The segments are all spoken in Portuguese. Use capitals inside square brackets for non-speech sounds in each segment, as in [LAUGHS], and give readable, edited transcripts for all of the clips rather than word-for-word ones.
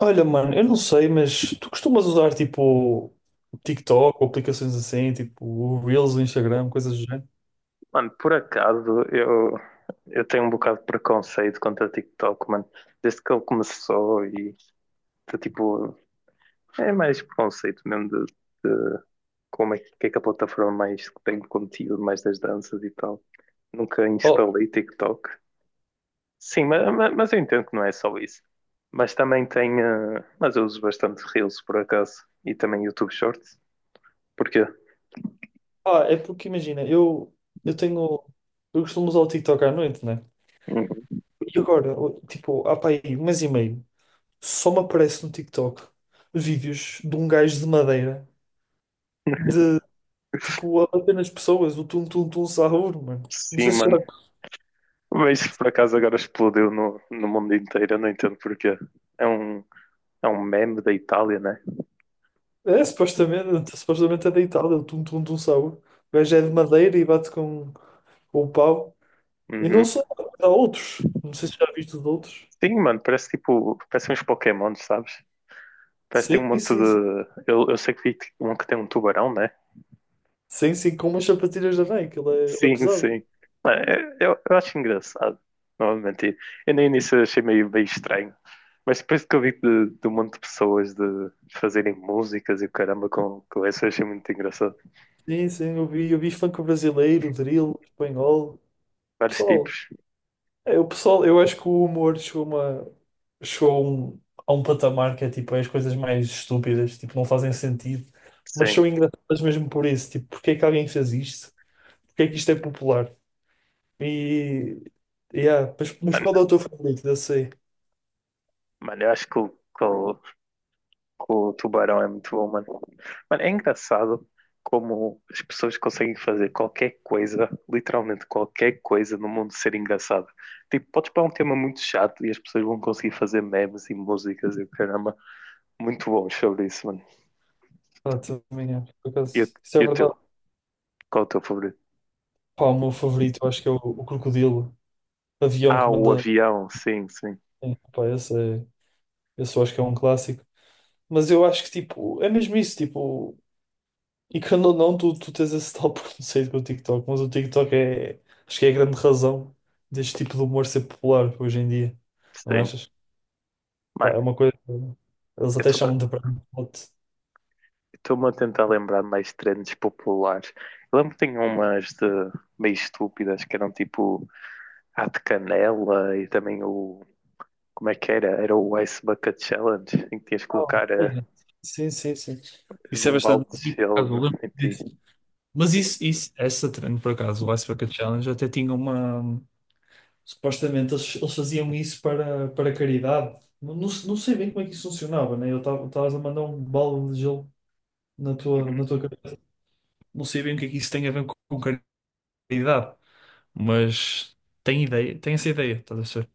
Olha, mano, eu não sei, mas tu costumas usar tipo TikTok ou aplicações assim, tipo o Reels do Instagram, coisas do género? Mano, por acaso, eu tenho um bocado de preconceito contra o TikTok, mano. Desde que ele começou e, tá, tipo, é mais preconceito mesmo de como é que é que a plataforma mais que tem conteúdo, mais das danças e tal. Nunca Oh, instalei TikTok. Sim, mas eu entendo que não é só isso. Mas também tem, mas eu uso bastante Reels, por acaso, e também YouTube Shorts. Porquê? pá, é porque imagina, eu tenho. Eu costumo usar o TikTok à noite, né? Hum. E agora, tipo, há pá aí um mês e meio, só me aparece no TikTok vídeos de um gajo de madeira, de tipo, a bater nas pessoas, o tum-tum-tum sahur, mano. Não Sim, sei se já. mano. Mas isso por acaso agora explodiu no mundo inteiro, eu não entendo porquê. É um, é um meme da Itália, né? É, supostamente é deitado, é o tum-tum-tum sahur. O gajo é de madeira e bate com, o pau. E não Uhum. só, há outros. Não sei se já viste os outros. Sim, mano, parece tipo, parece uns Pokémons, sabes? Parece que Sim, tem um monte sim, sim. de. Eu sei que vi um que tem um tubarão, né? Sim, sim, com umas sapatilhas da Nike, ele é Sim, pesado. sim. Mano, eu acho engraçado, não vou mentir. Eu no início achei meio, meio estranho, mas depois que eu vi de um monte de pessoas de fazerem músicas e o caramba com isso, eu achei muito engraçado. Sim, sim, eu vi funk brasileiro, drill, espanhol. Vários Pessoal, tipos, o pessoal, eu acho que o humor uma, chegou a um patamar que é tipo, é as coisas mais estúpidas, tipo, não fazem sentido, mas sim. são engraçadas mesmo por isso. Tipo, porque é que alguém fez isto? Porque é que isto é popular? E, yeah, mas qual é Mano, o teu favorito? Eu sei. mano, eu acho que o com o tubarão é muito bom, mano. Mano, é engraçado como as pessoas conseguem fazer qualquer coisa, literalmente qualquer coisa no mundo ser engraçada. Tipo, podes pôr um tema muito chato e as pessoas vão conseguir fazer memes e músicas e o caramba, muito bons sobre isso, mano. Ah, também é, por E o acaso, isso é e o teu? verdade. Qual é o teu favorito? Pá, o meu favorito, eu acho que é o Crocodilo, Avião Ah, o Comandante. avião, sim, sim, Sim, pá, esse eu acho que é um clássico. Mas eu acho que, tipo, é mesmo isso, tipo, e quando ou não, tu tens esse tal [LAUGHS] preconceito com o TikTok, mas o TikTok é, acho que é a grande razão deste tipo de humor ser popular hoje em dia, não sim. achas? Pá, Mano, é uma coisa, eles até eu chamam de brand spot. estou-me a tentar lembrar de mais trends populares. Eu lembro que tinha umas de meio estúpidas que eram tipo. Há de canela e também o. Como é que era? Era o Ice Bucket Challenge, em que tinhas que Ah, colocar é. Sim, sim, sim. Isso é um balde bastante. E, de por acaso, eu gelo lembro em ti. disso. Mas isso, essa trend, por acaso, o Ice Bucket Challenge até tinha uma. Supostamente eles faziam isso para caridade. Não, não, não sei bem como é que isso funcionava, né? Eu estavas a mandar um balde de gelo na tua, Uhum. na tua cabeça. Não sei bem o que é que isso tem a ver com, caridade, mas tem essa ideia, estás a ver?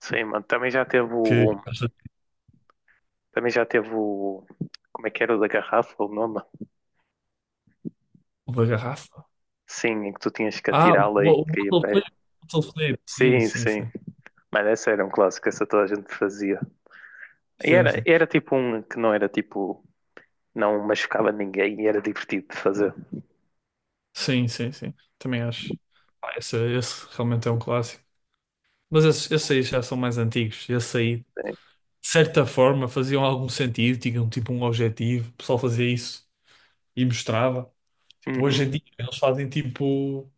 Sim, mano. Também já teve Que o. Também já teve o. Como é que era o da garrafa, o nome? uma garrafa. Sim, em que tu tinhas que Ah, o atirá-la e o- o caía em bottle pé. flip, bottle flip. Sim, Sim, sim, sim. sim. Mas essa era um clássico, essa toda a gente fazia. E Sim, era, sim. era tipo um que não era tipo. Não machucava ninguém e era divertido de fazer. Sim, sim, sim. Também acho. Ah, esse realmente é um clássico. Mas esses aí já são mais antigos. Esse aí Sim. de certa forma faziam algum sentido, tinham tipo um objetivo, o pessoal fazia isso e mostrava. Tipo, hoje em Uhum, dia eles fazem tipo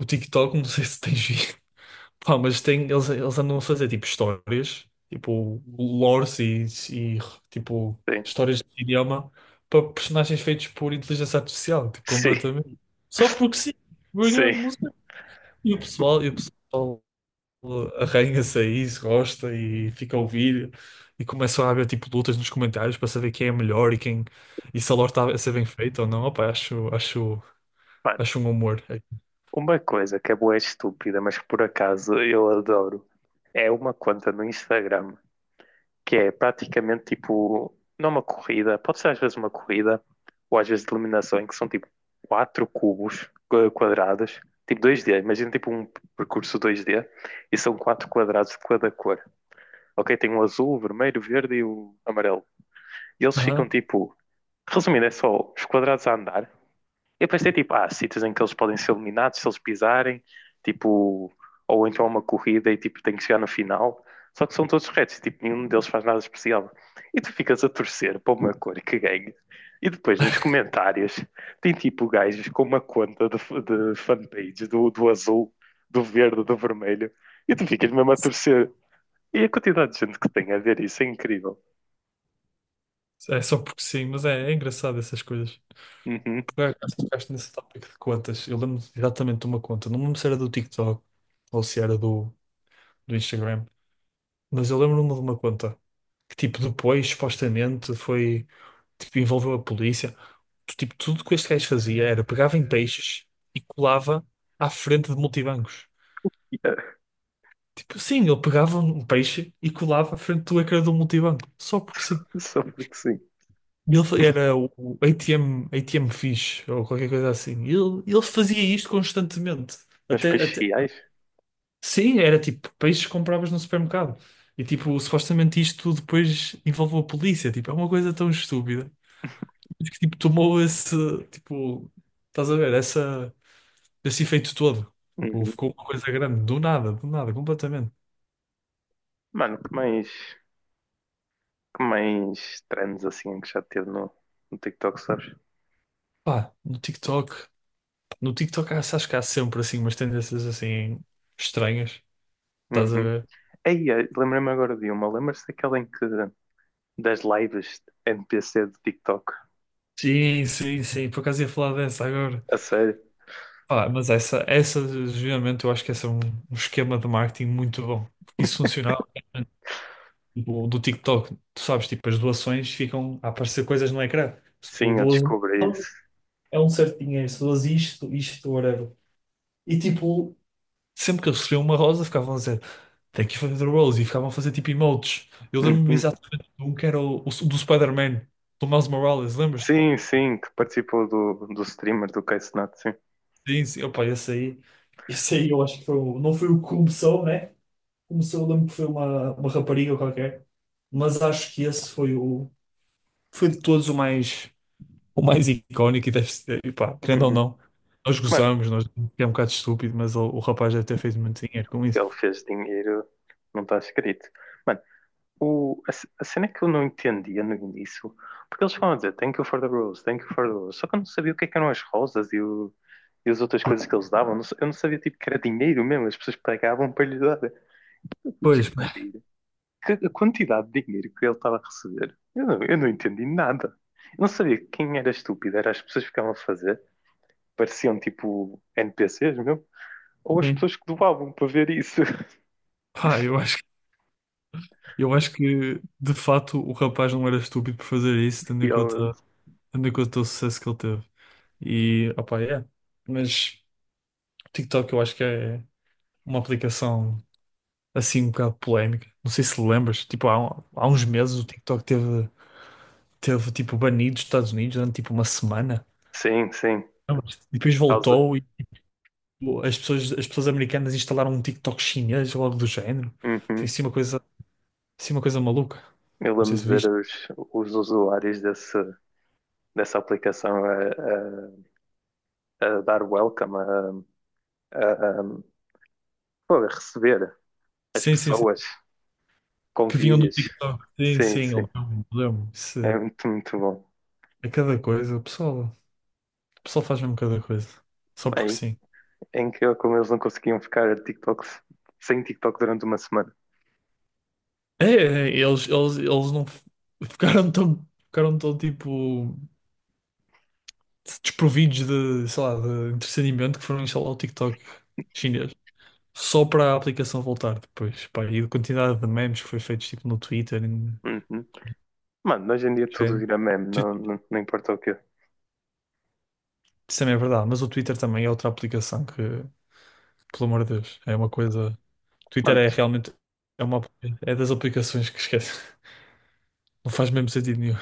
o TikTok, não sei se tens visto, [LAUGHS] pá, mas tem, eles andam a fazer tipo histórias, tipo lores e tipo sim. histórias de idioma para personagens feitos por inteligência artificial, tipo, Sim, completamente. Só porque sim, porque é, sim. não sei. E o pessoal arranha-se a isso, gosta e fica a ouvir e começam a haver tipo lutas nos comentários para saber quem é melhor e quem e se a lore está a ser bem feita ou não. Opa, acho, acho, Mano, acho um humor. É. uma coisa que é boa e estúpida, mas que por acaso eu adoro, é uma conta no Instagram que é praticamente tipo, não uma corrida, pode ser às vezes uma corrida, ou às vezes de eliminação, em que são tipo quatro cubos, quadrados, tipo dois d, imagina tipo um percurso dois d e são quatro quadrados de cada cor. Ok? Tem o azul, o vermelho, o verde e o amarelo. E eles ficam Aham. tipo, resumindo, é só os quadrados a andar, eu pensei, tipo, há sítios em que eles podem ser eliminados se eles pisarem, tipo, ou então é uma corrida e, tipo, tem que chegar no final. Só que são todos retos, tipo, nenhum deles faz nada especial. E tu ficas a torcer para uma cor que ganhe. E depois, nos comentários, tem, tipo, gajos com uma conta de fanpage do azul, do verde, do vermelho. E tu ficas mesmo a torcer. E a quantidade de gente que tem a ver isso é incrível. É só porque sim, mas é engraçado essas coisas. Uhum. Por [LAUGHS] acaso tocaste nesse tópico de contas. Eu lembro exatamente de uma conta. Não me lembro se era do TikTok ou se era do Instagram, mas eu lembro-me de uma conta que tipo depois supostamente foi tipo envolveu a polícia. Tipo, tudo que este gajo fazia era pegava em peixes e colava à frente de multibancos. Yeah. Tipo, sim, ele pegava um peixe e colava à frente do ecrã do multibanco, só porque sim. Só porque sim. E ele era o ATM, ATM fish ou qualquer coisa assim. E ele fazia isto constantemente. Mas Até, para até... chiais? Sim, era tipo peixes que compravas no supermercado. E tipo, supostamente isto depois envolveu a polícia. Tipo, é uma coisa tão estúpida que tipo, tomou tipo, estás a ver, esse efeito todo. Tipo, Uhum. ficou uma coisa grande, do nada, completamente. Mano, que mais... Que mais trends assim que já teve no TikTok, sabes? Pá, no TikTok acho que há sempre assim umas tendências assim estranhas, estás a Uhum. ver? Aí, lembrei-me agora de uma. Lembras-te daquela em que das lives NPC do TikTok? Sim, sim, sim, por acaso ia falar dessa agora. A sério? Pá, mas essa, geralmente, eu acho que essa é um esquema de marketing muito bom. Porque isso funcionava, tipo, do TikTok, tu sabes, tipo, as doações ficam a aparecer coisas no ecrã. Se tu Sim, eu doas um, descobri isso. é um certo dinheiro, se dás isto, isto, whatever. E tipo, sempre que eles recebiam uma rosa, ficavam a dizer "Thank you for the rose", e ficavam a fazer tipo emotes. Eu lembro-me Uhum. exatamente de um que era o do Spider-Man, do Miles Morales, lembras-te? Sim, sim, que participou do streamer do Case Not, sim. Sim, sim, opa, esse aí eu acho que foi, não foi o que começou, né? Começou, eu lembro que foi uma rapariga qualquer, mas acho que esse foi foi de todos o mais icónico e deve ser, e pá, querendo ou Uhum. não. Nós Mas gozamos, nós é um bocado estúpido, mas o rapaz deve ter feito muito dinheiro com isso. ele fez dinheiro, não está escrito. O, a, c- a cena que eu não entendia no início, porque eles falam a dizer thank you for the rose, thank you for the rose, só que eu não sabia o que é que eram as rosas e, o, e as outras coisas que eles davam, eu não sa- eu não sabia tipo que era dinheiro mesmo, as pessoas pagavam para lhe dar. Eu fui Pois, [LAUGHS] descobrir que a quantidade de dinheiro que ele estava a receber, eu não entendi nada. Eu não sabia quem era estúpido, era as pessoas que ficavam a fazer, pareciam tipo NPCs mesmo, ou as sim. pessoas que doavam para ver isso. [LAUGHS] Pá, eu acho que de fato o rapaz não era estúpido por fazer isso, Realmente. tendo em conta o sucesso que ele teve. E, opá, é. Mas o TikTok eu acho que é uma aplicação assim um bocado polémica. Não sei se lembras, tipo, há uns meses o TikTok teve tipo banido dos Estados Unidos durante tipo uma semana. Sim, sim, Lembras. E depois causa. voltou e tipo, as pessoas americanas instalaram um TikTok chinês ou algo do género. Foi Uhum. assim assim uma coisa maluca. Eu Não sei lembro se de ver viste. Os usuários desse, dessa aplicação a dar welcome, a- pô, a receber as Sim, sim, sim. pessoas com Que vinham do vídeos. TikTok. Sim, Sim, sim, eu sim. lembro. Isso É é muito, muito bom. cada coisa. O pessoal faz mesmo cada coisa. Só É, porque in- sim. é incrível como eles não conseguiam ficar TikToks, sem TikTok durante uma semana. É, é, eles não ficaram tão tipo desprovidos de, sei lá, de entretenimento que foram instalar o TikTok chinês. Só para a aplicação voltar depois. Pá, e a quantidade de memes que foi feito tipo no Twitter e no Uhum. Mano, hoje em dia tudo género. vira meme, Tu- não, não, não importa o quê. Isso também é verdade, mas o Twitter também é outra aplicação que, pelo amor de Deus, é uma coisa. Twitter Mano, é t- realmente é uma, é das aplicações que esquece. [LAUGHS] Não faz mesmo sentido nenhum.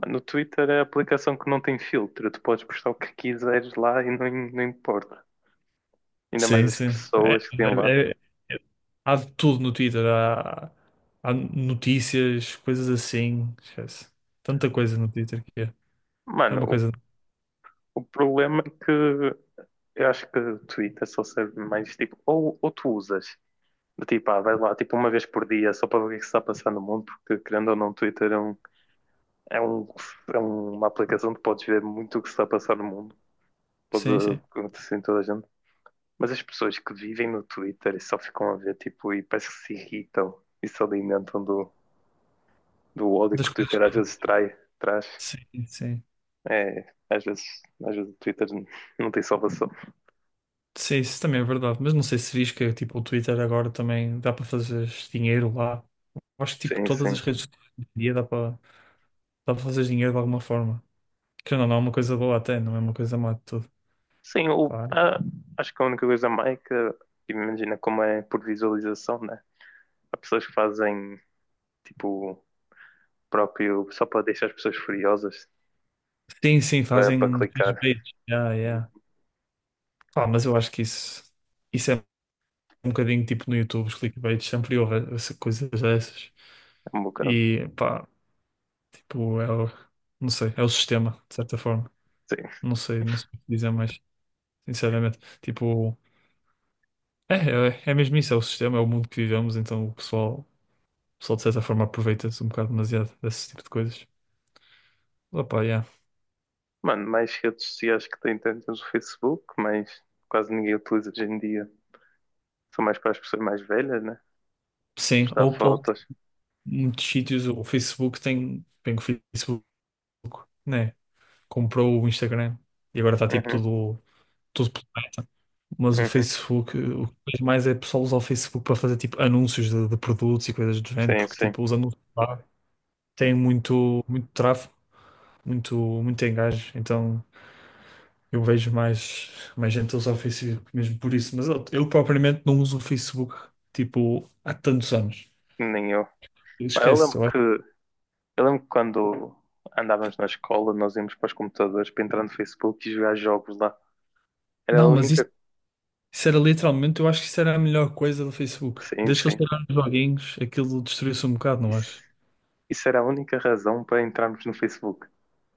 mano, no Twitter é a aplicação que não tem filtro. Tu podes postar o que quiseres lá e não importa. Ainda mais Sim, as sim. É- pessoas que têm lá. é- é- é- há de tudo no Twitter. Há notícias, coisas assim. Esquece. Tanta coisa no Twitter que é. É Mano, uma coisa. o problema é que eu acho que o Twitter só serve mais tipo, ou tu usas, do tipo, ah, vai lá, tipo, uma vez por dia, só para ver o que é que se está a passar no mundo, porque querendo ou não, o Twitter é, um, é, um, é uma aplicação que podes ver muito o que se está a passar no mundo, pode Sim, sim. acontecer em toda a gente. Mas as pessoas que vivem no Twitter e só ficam a ver, tipo, e parece que se irritam e se alimentam do ódio que Das o coisas. Twitter às vezes trai, traz. Sim, sim. É, às vezes o Twitter não tem salvação. Sim, isso também é verdade. Mas não sei se viste que tipo, o Twitter agora também dá para fazer dinheiro lá. Acho que tipo, Sim, todas sim. as redes sociais hoje em dia dá para fazer dinheiro de alguma forma. Que não, não é uma coisa boa até, não é uma coisa má de tudo. Sim, o, ah, acho que a única coisa má é que, tipo, imagina como é por visualização, né? Há pessoas que fazem, tipo, próprio, só para deixar as pessoas furiosas, Sim, sim, para fazem clicar. clickbaits. Yeah, yeah. Pá, mas eu acho que isso é um bocadinho tipo no YouTube, os clickbaits, sempre houve coisas dessas. É um bocado. E pá, tipo, não sei, é o sistema, de certa forma. Sim. Não sei, não sei o que dizer mais, sinceramente. Tipo, é mesmo isso, é o sistema, é o mundo que vivemos, então o pessoal de certa forma aproveita-se um bocado demasiado desse tipo de coisas. Opa, yeah. Mano, mais redes sociais que tem tantas o Facebook, mas quase ninguém utiliza hoje em dia. São mais para as pessoas mais velhas, né? Sim, Postar ou fotos. muitos sítios, o Facebook tem, o Facebook, né? Comprou o Instagram e agora está tipo Uhum, tudo, tudo. Mas o uhum. Facebook, o que vejo mais é pessoal usar o Facebook para fazer tipo anúncios de produtos e coisas do género, Sim, porque sim. tipo os anúncios lá têm muito, muito tráfego, muito, muito engajo, então eu vejo mais, mais gente a usar o Facebook mesmo por isso. Mas eu propriamente não uso o Facebook tipo há tantos anos. Nem eu. Pá, Eu Esquece, lembro eu acho. que Eu lembro que quando andávamos na escola, nós íamos para os computadores para entrar no Facebook e jogar jogos lá. Era a Não, mas isso, única. isso era literalmente, eu acho que isso era a melhor coisa do Facebook. Sim, Desde que eles sim. tiraram os joguinhos, aquilo destruiu-se um bocado, não Isso, acho? isso era a única razão para entrarmos no Facebook,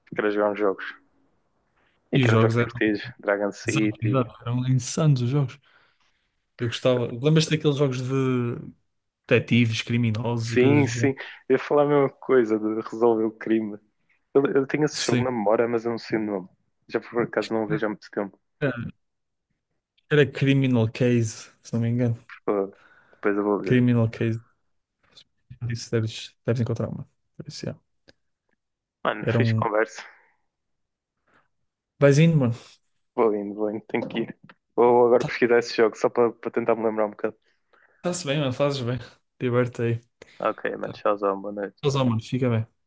que era jogar uns jogos. E E que os eram jogos jogos é. divertidos. Dragon Exato, City. exato. Eram insanos os jogos. Eu gostava. Lembras-te daqueles jogos de detetives, criminosos e Sim, coisas do sim. género? Eu ia falar a mesma coisa de resolver o crime. Eu tenho esse jogo Sim. na memória, mas eu não sei o nome. Já por acaso não o vejo há muito tempo. Era Criminal Case, se não me engano. Pô, depois eu vou ver. Criminal Case. Isso deves, deves encontrar, mano. Por isso, yeah. Mano, Era fiz um. conversa. Vais indo, mano. Vou indo, tenho que ir. Vou agora pesquisar esse jogo só para tentar me lembrar um bocado. Está-se bem, mano. Fazes bem. Diverte aí. Ok, mano. Tá. Tchauzão. Boa noite. Tchauzão, mano. Fica bem.